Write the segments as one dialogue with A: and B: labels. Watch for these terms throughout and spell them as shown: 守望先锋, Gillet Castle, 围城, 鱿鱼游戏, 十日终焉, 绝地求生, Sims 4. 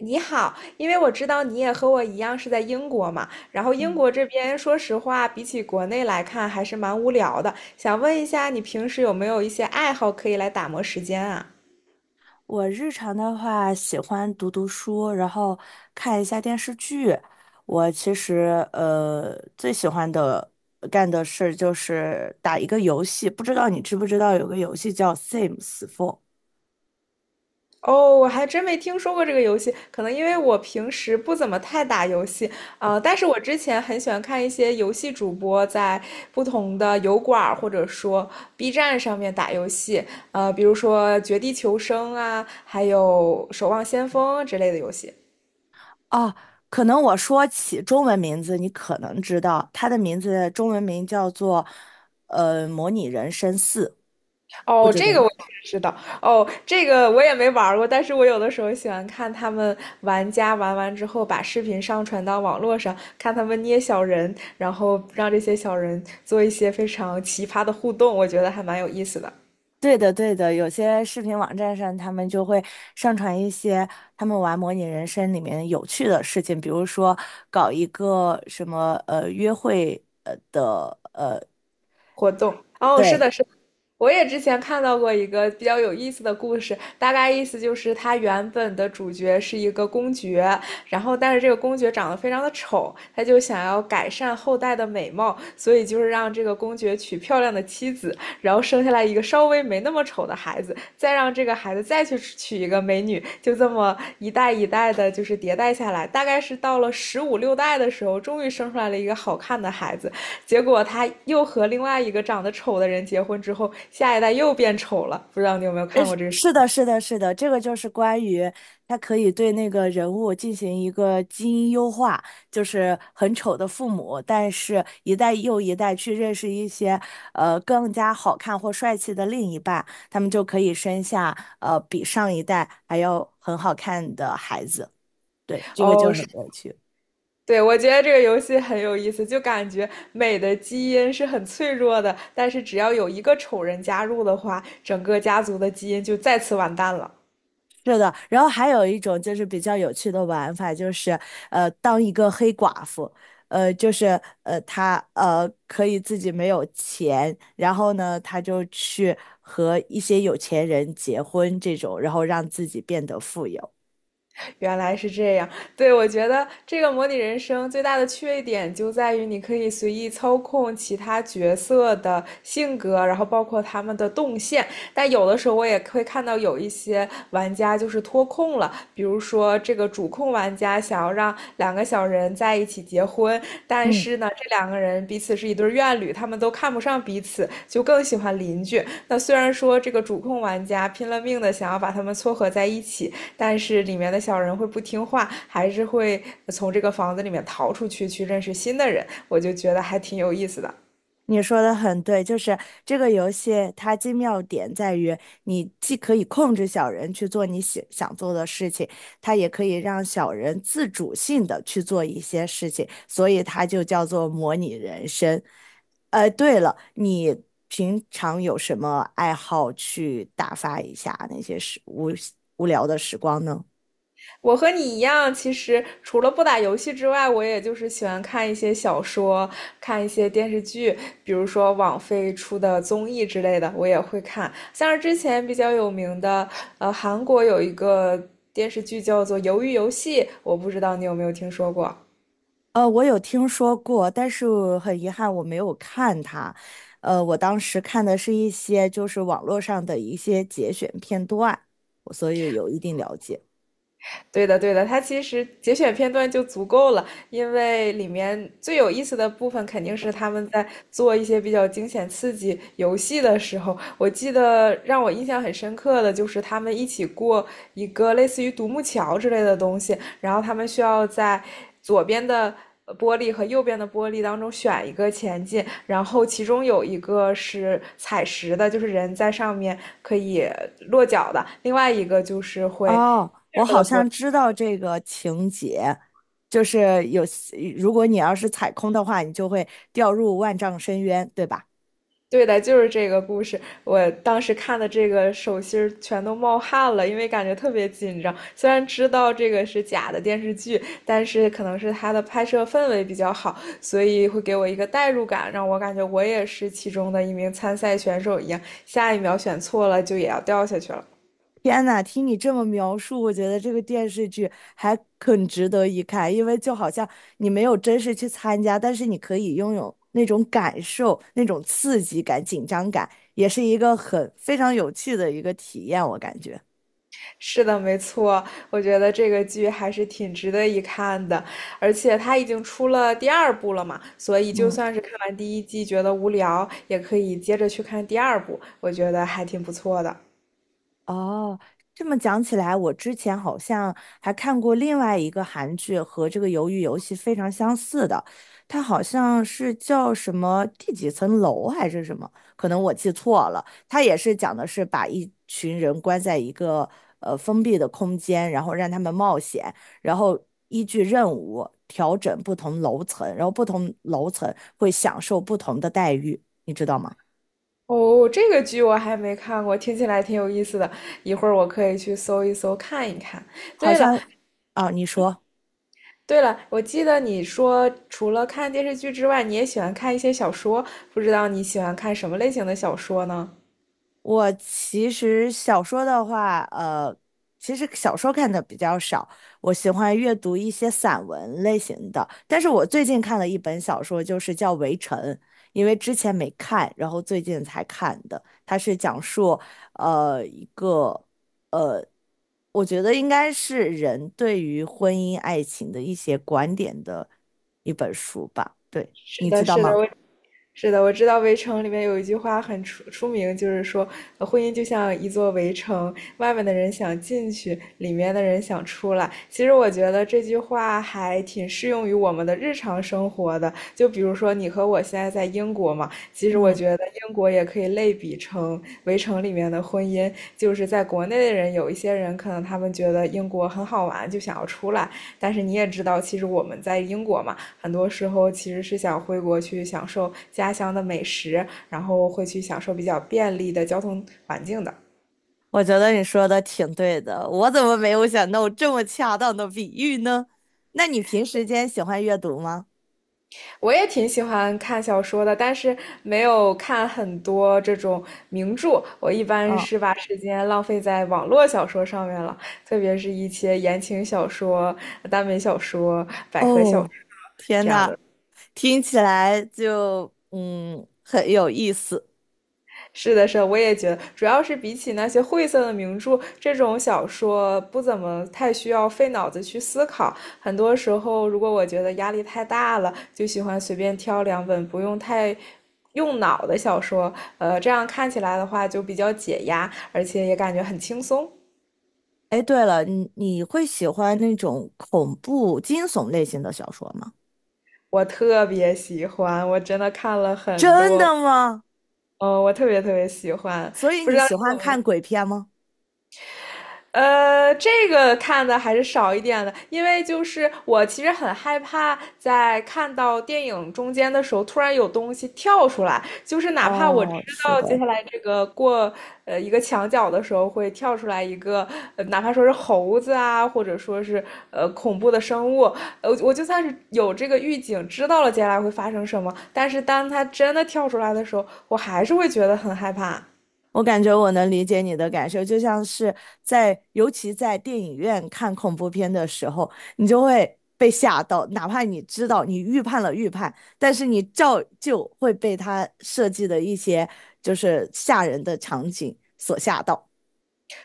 A: 你好，因为我知道你也和我一样是在英国嘛，然后英国这边说实话，比起国内来看还是蛮无聊的，想问一下你平时有没有一些爱好可以来打磨时间啊？
B: 我日常的话，喜欢读读书，然后看一下电视剧。我其实最喜欢的干的事就是打一个游戏，不知道你知不知道有个游戏叫《Sims 4》
A: 哦，我还真没听说过这个游戏，可能因为我平时不怎么太打游戏。但是我之前很喜欢看一些游戏主播在不同的油管儿或者说 B 站上面打游戏，比如说《绝地求生》啊，还有《守望先锋》之类的游戏。
B: 啊？可能我说起中文名字，你可能知道它的名字中文名叫做《模拟人生四》，不
A: 哦，
B: 知道。
A: 这个我也知道。哦，这个我也没玩儿过，但是我有的时候喜欢看他们玩家玩完之后，把视频上传到网络上，看他们捏小人，然后让这些小人做一些非常奇葩的互动，我觉得还蛮有意思的
B: 对的，对的，有些视频网站上，他们就会上传一些他们玩模拟人生里面有趣的事情，比如说搞一个什么约会的
A: 活动。哦，是
B: 对
A: 的，是的。我也之前看到过一个比较有意思的故事，大概意思就是他原本的主角是一个公爵，然后但是这个公爵长得非常的丑，他就想要改善后代的美貌，所以就是让这个公爵娶漂亮的妻子，然后生下来一个稍微没那么丑的孩子，再让这个孩子再去娶一个美女，就这么一代一代的，就是迭代下来，大概是到了十五六代的时候，终于生出来了一个好看的孩子，结果他又和另外一个长得丑的人结婚之后，下一代又变丑了。不知道你有没有
B: 呃，
A: 看过这个
B: 是的，是的，是的，这个就是关于他可以对那个人物进行一个基因优化，就是很丑的父母，但是一代又一代去认识一些更加好看或帅气的另一半，他们就可以生下比上一代还要很好看的孩子。对，这个就
A: 哦，是。
B: 很有趣。
A: 对，我觉得这个游戏很有意思，就感觉美的基因是很脆弱的，但是只要有一个丑人加入的话，整个家族的基因就再次完蛋了。
B: 是的，然后还有一种就是比较有趣的玩法，就是当一个黑寡妇，就是她可以自己没有钱，然后呢，她就去和一些有钱人结婚这种，然后让自己变得富有。
A: 原来是这样。对，我觉得这个模拟人生最大的缺点就在于你可以随意操控其他角色的性格，然后包括他们的动线。但有的时候我也会看到有一些玩家就是脱控了，比如说这个主控玩家想要让两个小人在一起结婚，但
B: 嗯。
A: 是呢，这两个人彼此是一对怨侣，他们都看不上彼此，就更喜欢邻居。那虽然说这个主控玩家拼了命的想要把他们撮合在一起，但是里面的小人会不听话，还是会从这个房子里面逃出去，去认识新的人。我就觉得还挺有意思的。
B: 你说的很对，就是这个游戏它精妙点在于，你既可以控制小人去做你想做的事情，它也可以让小人自主性的去做一些事情，所以它就叫做模拟人生。对了，你平常有什么爱好去打发一下那些时无无聊的时光呢？
A: 我和你一样，其实除了不打游戏之外，我也就是喜欢看一些小说，看一些电视剧，比如说网飞出的综艺之类的，我也会看。像是之前比较有名的，韩国有一个电视剧叫做《鱿鱼游戏》，我不知道你有没有听说过。
B: 我有听说过，但是很遗憾我没有看它。我当时看的是一些就是网络上的一些节选片段，我所以有一定了解。
A: 对的，对的，它其实节选片段就足够了，因为里面最有意思的部分肯定是他们在做一些比较惊险刺激游戏的时候。我记得让我印象很深刻的就是他们一起过一个类似于独木桥之类的东西，然后他们需要在左边的玻璃和右边的玻璃当中选一个前进，然后其中有一个是踩实的，就是人在上面可以落脚的，另外一个就是会。
B: 哦，我好像知道这个情节，就是有，如果你要是踩空的话，你就会掉入万丈深渊，对吧？
A: 对的，就是这个故事。我当时看的这个手心儿全都冒汗了，因为感觉特别紧张。虽然知道这个是假的电视剧，但是可能是它的拍摄氛围比较好，所以会给我一个代入感，让我感觉我也是其中的一名参赛选手一样。下一秒选错了，就也要掉下去了。
B: 天呐，听你这么描述，我觉得这个电视剧还很值得一看，因为就好像你没有真实去参加，但是你可以拥有那种感受、那种刺激感、紧张感，也是一个很非常有趣的一个体验，我感觉。
A: 是的，没错，我觉得这个剧还是挺值得一看的，而且它已经出了第二部了嘛，所以就
B: 嗯。
A: 算是看完第一季觉得无聊，也可以接着去看第二部，我觉得还挺不错的。
B: 哦，这么讲起来，我之前好像还看过另外一个韩剧，和这个《鱿鱼游戏》非常相似的，它好像是叫什么第几层楼还是什么，可能我记错了。它也是讲的是把一群人关在一个封闭的空间，然后让他们冒险，然后依据任务调整不同楼层，然后不同楼层会享受不同的待遇，你知道吗？
A: 哦，这个剧我还没看过，听起来挺有意思的，一会儿我可以去搜一搜看一看。
B: 好
A: 对
B: 像，
A: 了，
B: 啊，你说。
A: 对了，我记得你说除了看电视剧之外，你也喜欢看一些小说，不知道你喜欢看什么类型的小说呢？
B: 我其实小说的话，其实小说看的比较少，我喜欢阅读一些散文类型的。但是我最近看了一本小说，就是叫《围城》，因为之前没看，然后最近才看的。它是讲述，一个我觉得应该是人对于婚姻爱情的一些观点的一本书吧。对，
A: 是
B: 你知
A: 的，
B: 道
A: 是的，
B: 吗？
A: 我。是的，我知道《围城》里面有一句话很出名，就是说，婚姻就像一座围城，外面的人想进去，里面的人想出来。其实我觉得这句话还挺适用于我们的日常生活的。就比如说，你和我现在在英国嘛，其实我
B: 嗯。
A: 觉得英国也可以类比成《围城》里面的婚姻，就是在国内的人，有一些人可能他们觉得英国很好玩，就想要出来，但是你也知道，其实我们在英国嘛，很多时候其实是想回国去享受家乡的美食，然后会去享受比较便利的交通环境的。
B: 我觉得你说的挺对的，我怎么没有想到这么恰当的比喻呢？那你平时间喜欢阅读吗？
A: 我也挺喜欢看小说的，但是没有看很多这种名著。我一般
B: 嗯，
A: 是把时间浪费在网络小说上面了，特别是一些言情小说、耽美小说
B: 哦，天
A: 这样
B: 呐，
A: 的。
B: 听起来就嗯很有意思。
A: 是的，是的，我也觉得，主要是比起那些晦涩的名著，这种小说不怎么太需要费脑子去思考。很多时候，如果我觉得压力太大了，就喜欢随便挑两本不用太用脑的小说，这样看起来的话就比较解压，而且也感觉很轻松。
B: 哎，对了，你会喜欢那种恐怖惊悚类型的小说吗？
A: 我特别喜欢，我真的看了很
B: 真
A: 多，
B: 的吗？
A: 嗯、我特别特别喜欢。
B: 所以
A: 不知
B: 你
A: 道。
B: 喜欢看鬼片吗？
A: 这个看的还是少一点的，因为就是我其实很害怕在看到电影中间的时候，突然有东西跳出来，就是哪怕我知
B: 哦，是
A: 道
B: 的。
A: 接下来这个过一个墙角的时候会跳出来一个，哪怕说是猴子啊，或者说是恐怖的生物，我就算是有这个预警，知道了接下来会发生什么，但是当它真的跳出来的时候，我还是会觉得很害怕。
B: 我感觉我能理解你的感受，就像是在，尤其在电影院看恐怖片的时候，你就会被吓到，哪怕你知道你预判了，但是你照旧会被他设计的一些就是吓人的场景所吓到。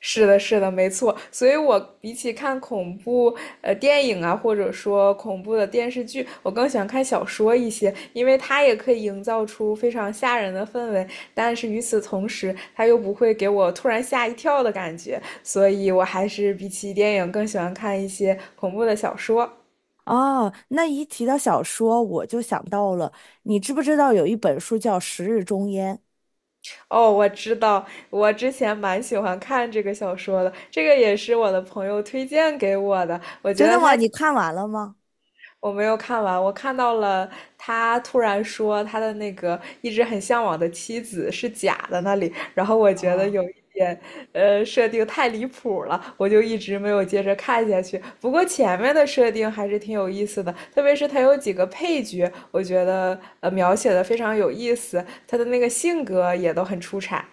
A: 是的，是的，没错。所以我比起看恐怖电影啊，或者说恐怖的电视剧，我更喜欢看小说一些，因为它也可以营造出非常吓人的氛围，但是与此同时，它又不会给我突然吓一跳的感觉。所以我还是比起电影更喜欢看一些恐怖的小说。
B: 哦，那一提到小说，我就想到了，你知不知道有一本书叫《十日终焉》？
A: 哦，我知道，我之前蛮喜欢看这个小说的，这个也是我的朋友推荐给我的，我觉
B: 真的
A: 得
B: 吗？
A: 它。
B: 你看完了吗？
A: 我没有看完，我看到了他突然说他的那个一直很向往的妻子是假的那里，然后我觉
B: 啊。
A: 得有一点，设定太离谱了，我就一直没有接着看下去。不过前面的设定还是挺有意思的，特别是他有几个配角，我觉得描写的非常有意思，他的那个性格也都很出彩。